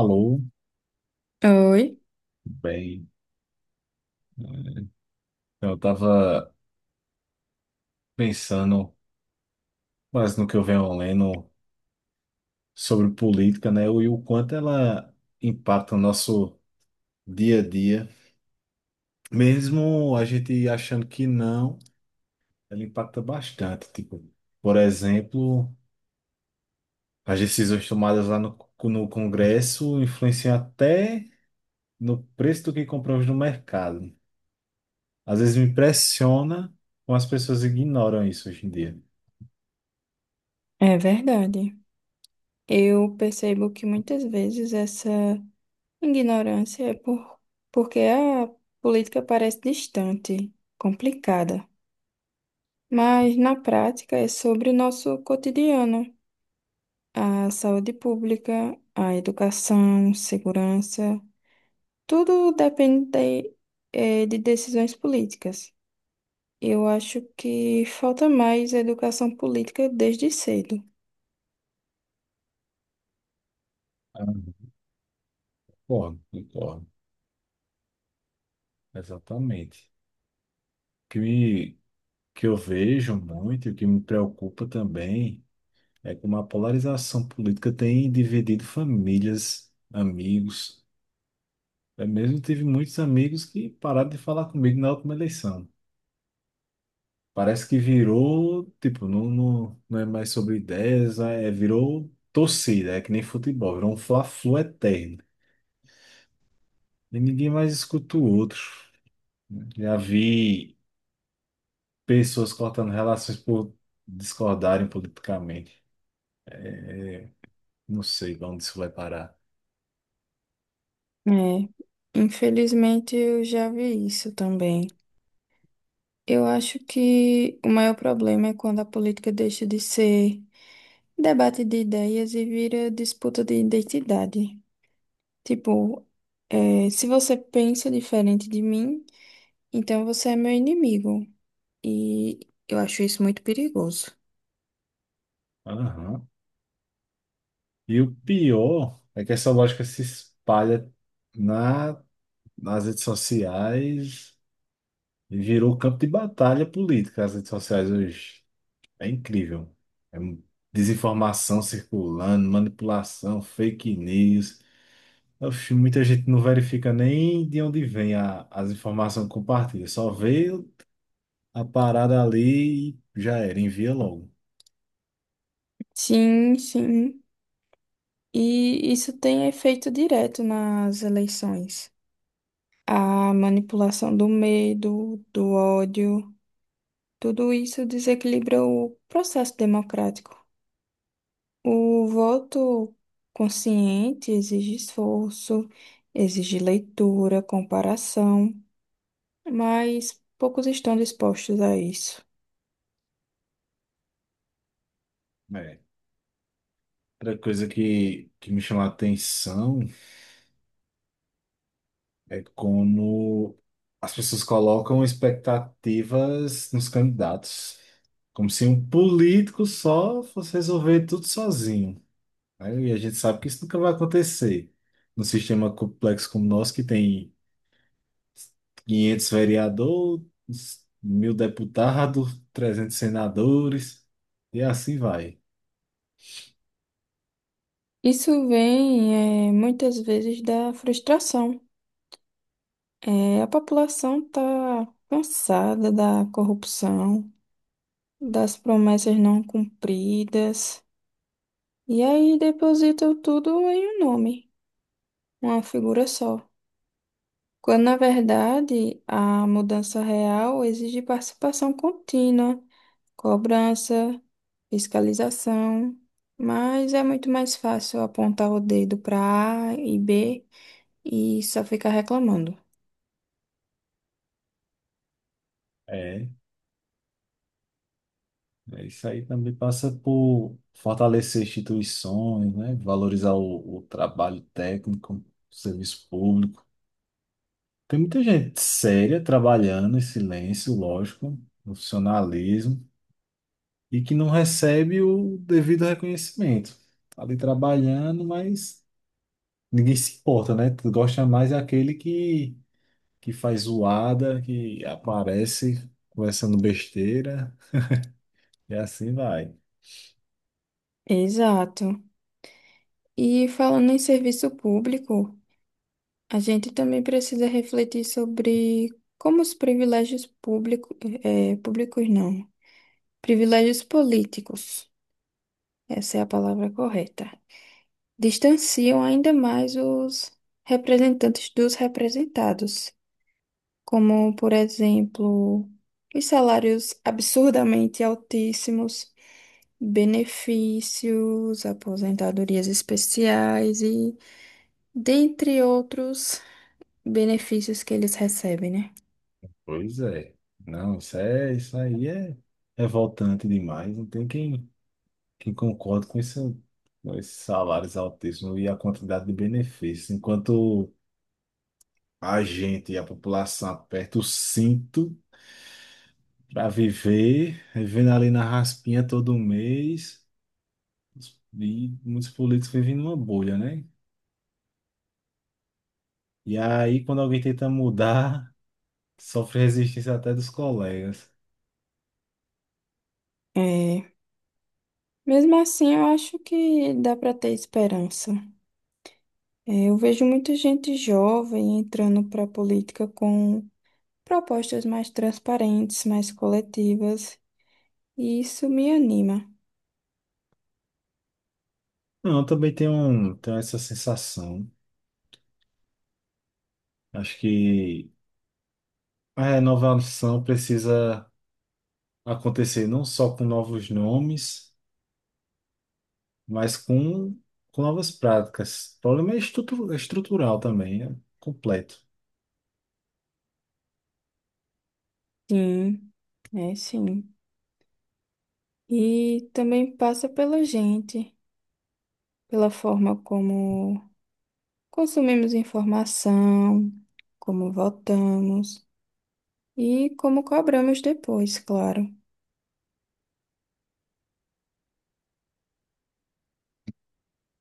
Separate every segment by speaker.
Speaker 1: Alô,
Speaker 2: Oi,
Speaker 1: bem. é, Eu estava pensando mais no que eu venho lendo sobre política, né? E o quanto ela impacta o nosso dia a dia. Mesmo a gente achando que não, ela impacta bastante. Tipo, por exemplo, as decisões tomadas lá no Congresso influenciam até no preço do que compramos no mercado. Às vezes me impressiona como as pessoas ignoram isso hoje em dia.
Speaker 2: é verdade. Eu percebo que muitas vezes essa ignorância é porque a política parece distante, complicada, mas na prática é sobre o nosso cotidiano, a saúde pública, a educação, segurança, tudo depende de decisões políticas. Eu acho que falta mais educação política desde cedo.
Speaker 1: Ah, concordo, concordo. Exatamente. O que me, que eu vejo muito e o que me preocupa também é como a polarização política tem dividido famílias, amigos. Eu mesmo tive muitos amigos que pararam de falar comigo na última eleição. Parece que virou, tipo, não, não, não é mais sobre ideias, virou torcida, é que nem futebol, virou um fla-flu eterno. E ninguém mais escuta o outro. Já vi pessoas cortando relações por discordarem politicamente. Não sei pra onde isso vai parar.
Speaker 2: É, infelizmente eu já vi isso também. Eu acho que o maior problema é quando a política deixa de ser debate de ideias e vira disputa de identidade. Tipo, é, se você pensa diferente de mim, então você é meu inimigo. E eu acho isso muito perigoso.
Speaker 1: Aham. E o pior é que essa lógica se espalha na, nas redes sociais e virou campo de batalha política as redes sociais hoje. É incrível. É um desinformação circulando, manipulação, fake news. Oxi, muita gente não verifica nem de onde vem as informações que compartilha. Só vê a parada ali e já era, envia logo.
Speaker 2: Sim, sim. E isso tem efeito direto nas eleições. A manipulação do medo, do ódio. Tudo isso desequilibra o processo democrático. O voto consciente exige esforço, exige leitura, comparação, mas poucos estão dispostos a isso.
Speaker 1: É. Outra coisa que me chamou a atenção. É como as pessoas colocam expectativas nos candidatos, como se um político só fosse resolver tudo sozinho, né? E a gente sabe que isso nunca vai acontecer. Num sistema complexo como o nosso, que tem 500 vereadores, 1.000 deputados, 300 senadores, e assim vai.
Speaker 2: Isso vem, muitas vezes da frustração. A população está cansada da corrupção, das promessas não cumpridas, e aí depositam tudo em um nome, uma figura só. Quando, na verdade, a mudança real exige participação contínua, cobrança, fiscalização, mas é muito mais fácil apontar o dedo para A e B e só ficar reclamando.
Speaker 1: É. É, isso aí também passa por fortalecer instituições, né? Valorizar o trabalho técnico, o serviço público. Tem muita gente séria trabalhando em silêncio, lógico, profissionalismo, e que não recebe o devido reconhecimento. Tá ali trabalhando, mas ninguém se importa, né? Tu gosta mais é aquele que faz zoada, que aparece conversando besteira, e assim vai.
Speaker 2: Exato. E falando em serviço público, a gente também precisa refletir sobre como os privilégios públicos, públicos não, privilégios políticos, essa é a palavra correta, distanciam ainda mais os representantes dos representados, como, por exemplo, os salários absurdamente altíssimos, benefícios, aposentadorias especiais e dentre outros benefícios que eles recebem, né?
Speaker 1: Pois é. Não, isso, isso aí é revoltante demais. Não tem quem concorde com esses salários altíssimos e a quantidade de benefícios. Enquanto a gente e a população aperta o cinto para viver, vivendo ali na raspinha todo mês, e muitos políticos vivem numa bolha, né? E aí, quando alguém tenta mudar, sofre resistência até dos colegas.
Speaker 2: É. Mesmo assim, eu acho que dá para ter esperança. É, eu vejo muita gente jovem entrando para a política com propostas mais transparentes, mais coletivas, e isso me anima.
Speaker 1: Não, eu também tenho essa sensação. Acho que a renovação precisa acontecer não só com novos nomes, mas com novas práticas. O problema é estrutural também, é completo.
Speaker 2: Sim, é sim. E também passa pela gente, pela forma como consumimos informação, como votamos e como cobramos depois, claro.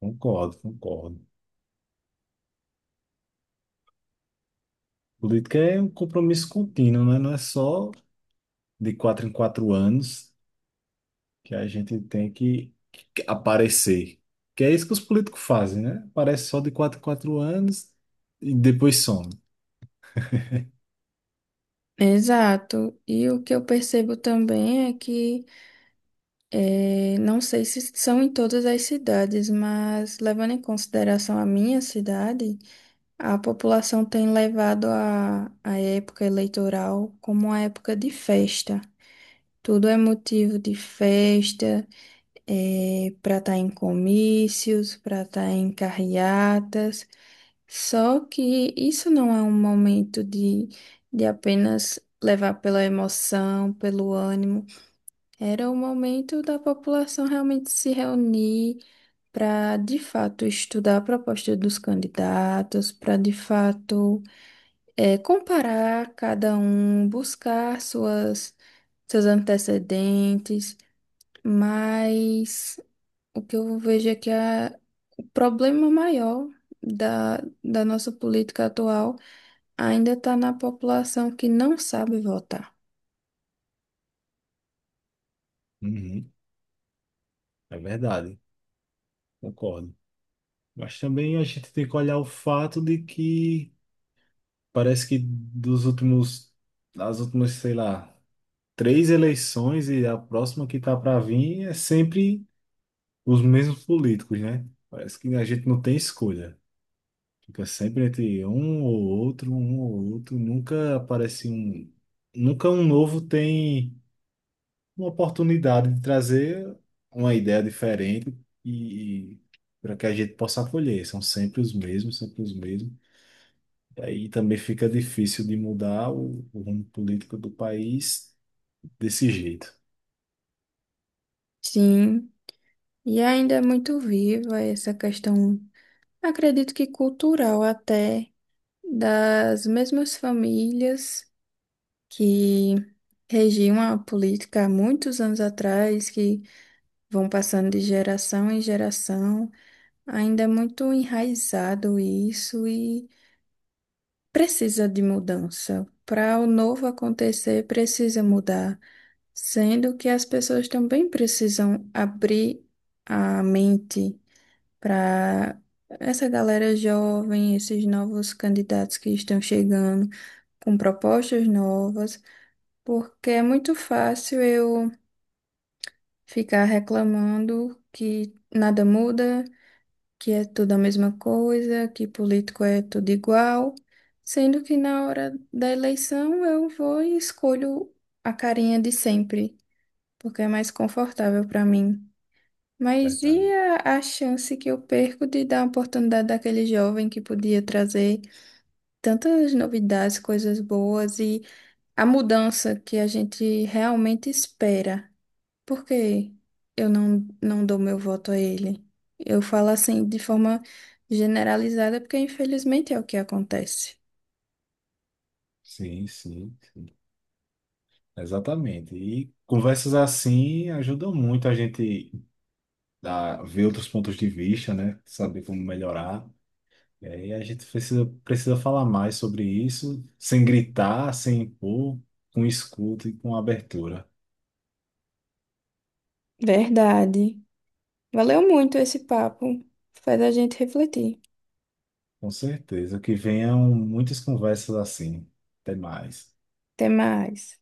Speaker 1: Concordo, concordo. Política é um compromisso contínuo, né? Não é só de 4 em 4 anos que a gente tem que aparecer. Que é isso que os políticos fazem, né? Aparece só de 4 em 4 anos e depois some.
Speaker 2: Exato. E o que eu percebo também é que, não sei se são em todas as cidades, mas levando em consideração a minha cidade, a população tem levado a época eleitoral como uma época de festa. Tudo é motivo de festa, para estar em comícios, para estar em carreatas. Só que isso não é um momento de apenas levar pela emoção, pelo ânimo. Era o momento da população realmente se reunir para, de fato, estudar a proposta dos candidatos, para, de fato, comparar cada um, buscar suas, seus antecedentes, mas o que eu vejo é que o problema maior da, da nossa política atual ainda está na população que não sabe votar.
Speaker 1: Uhum, é verdade, concordo. Mas também a gente tem que olhar o fato de que parece que das últimas, sei lá, três eleições e a próxima que tá para vir é sempre os mesmos políticos, né? Parece que a gente não tem escolha. Fica sempre entre um ou outro, um ou outro. Nunca aparece um, nunca um novo tem uma oportunidade de trazer uma ideia diferente e para que a gente possa acolher. São sempre os mesmos, sempre os mesmos. Aí também fica difícil de mudar o rumo político do país desse jeito.
Speaker 2: Sim, e ainda é muito viva essa questão, acredito que cultural até, das mesmas famílias que regiam a política há muitos anos atrás, que vão passando de geração em geração. Ainda é muito enraizado isso e precisa de mudança. Para o novo acontecer, precisa mudar, sendo que as pessoas também precisam abrir a mente para essa galera jovem, esses novos candidatos que estão chegando com propostas novas. Porque é muito fácil eu ficar reclamando que nada muda, que é tudo a mesma coisa, que político é tudo igual, sendo que na hora da eleição eu vou e escolho a carinha de sempre, porque é mais confortável para mim. Mas e
Speaker 1: Verdade.
Speaker 2: a chance que eu perco de dar a oportunidade daquele jovem que podia trazer tantas novidades, coisas boas e a mudança que a gente realmente espera? Por que eu não dou meu voto a ele? Eu falo assim de forma generalizada, porque infelizmente é o que acontece.
Speaker 1: Sim, sim, exatamente. E conversas assim ajudam muito a gente a ver outros pontos de vista, né? Saber como melhorar. E aí a gente precisa falar mais sobre isso, sem gritar, sem impor, com escuta e com abertura.
Speaker 2: Verdade. Valeu muito esse papo. Faz a gente refletir.
Speaker 1: Com certeza que venham muitas conversas assim. Até mais.
Speaker 2: Até mais.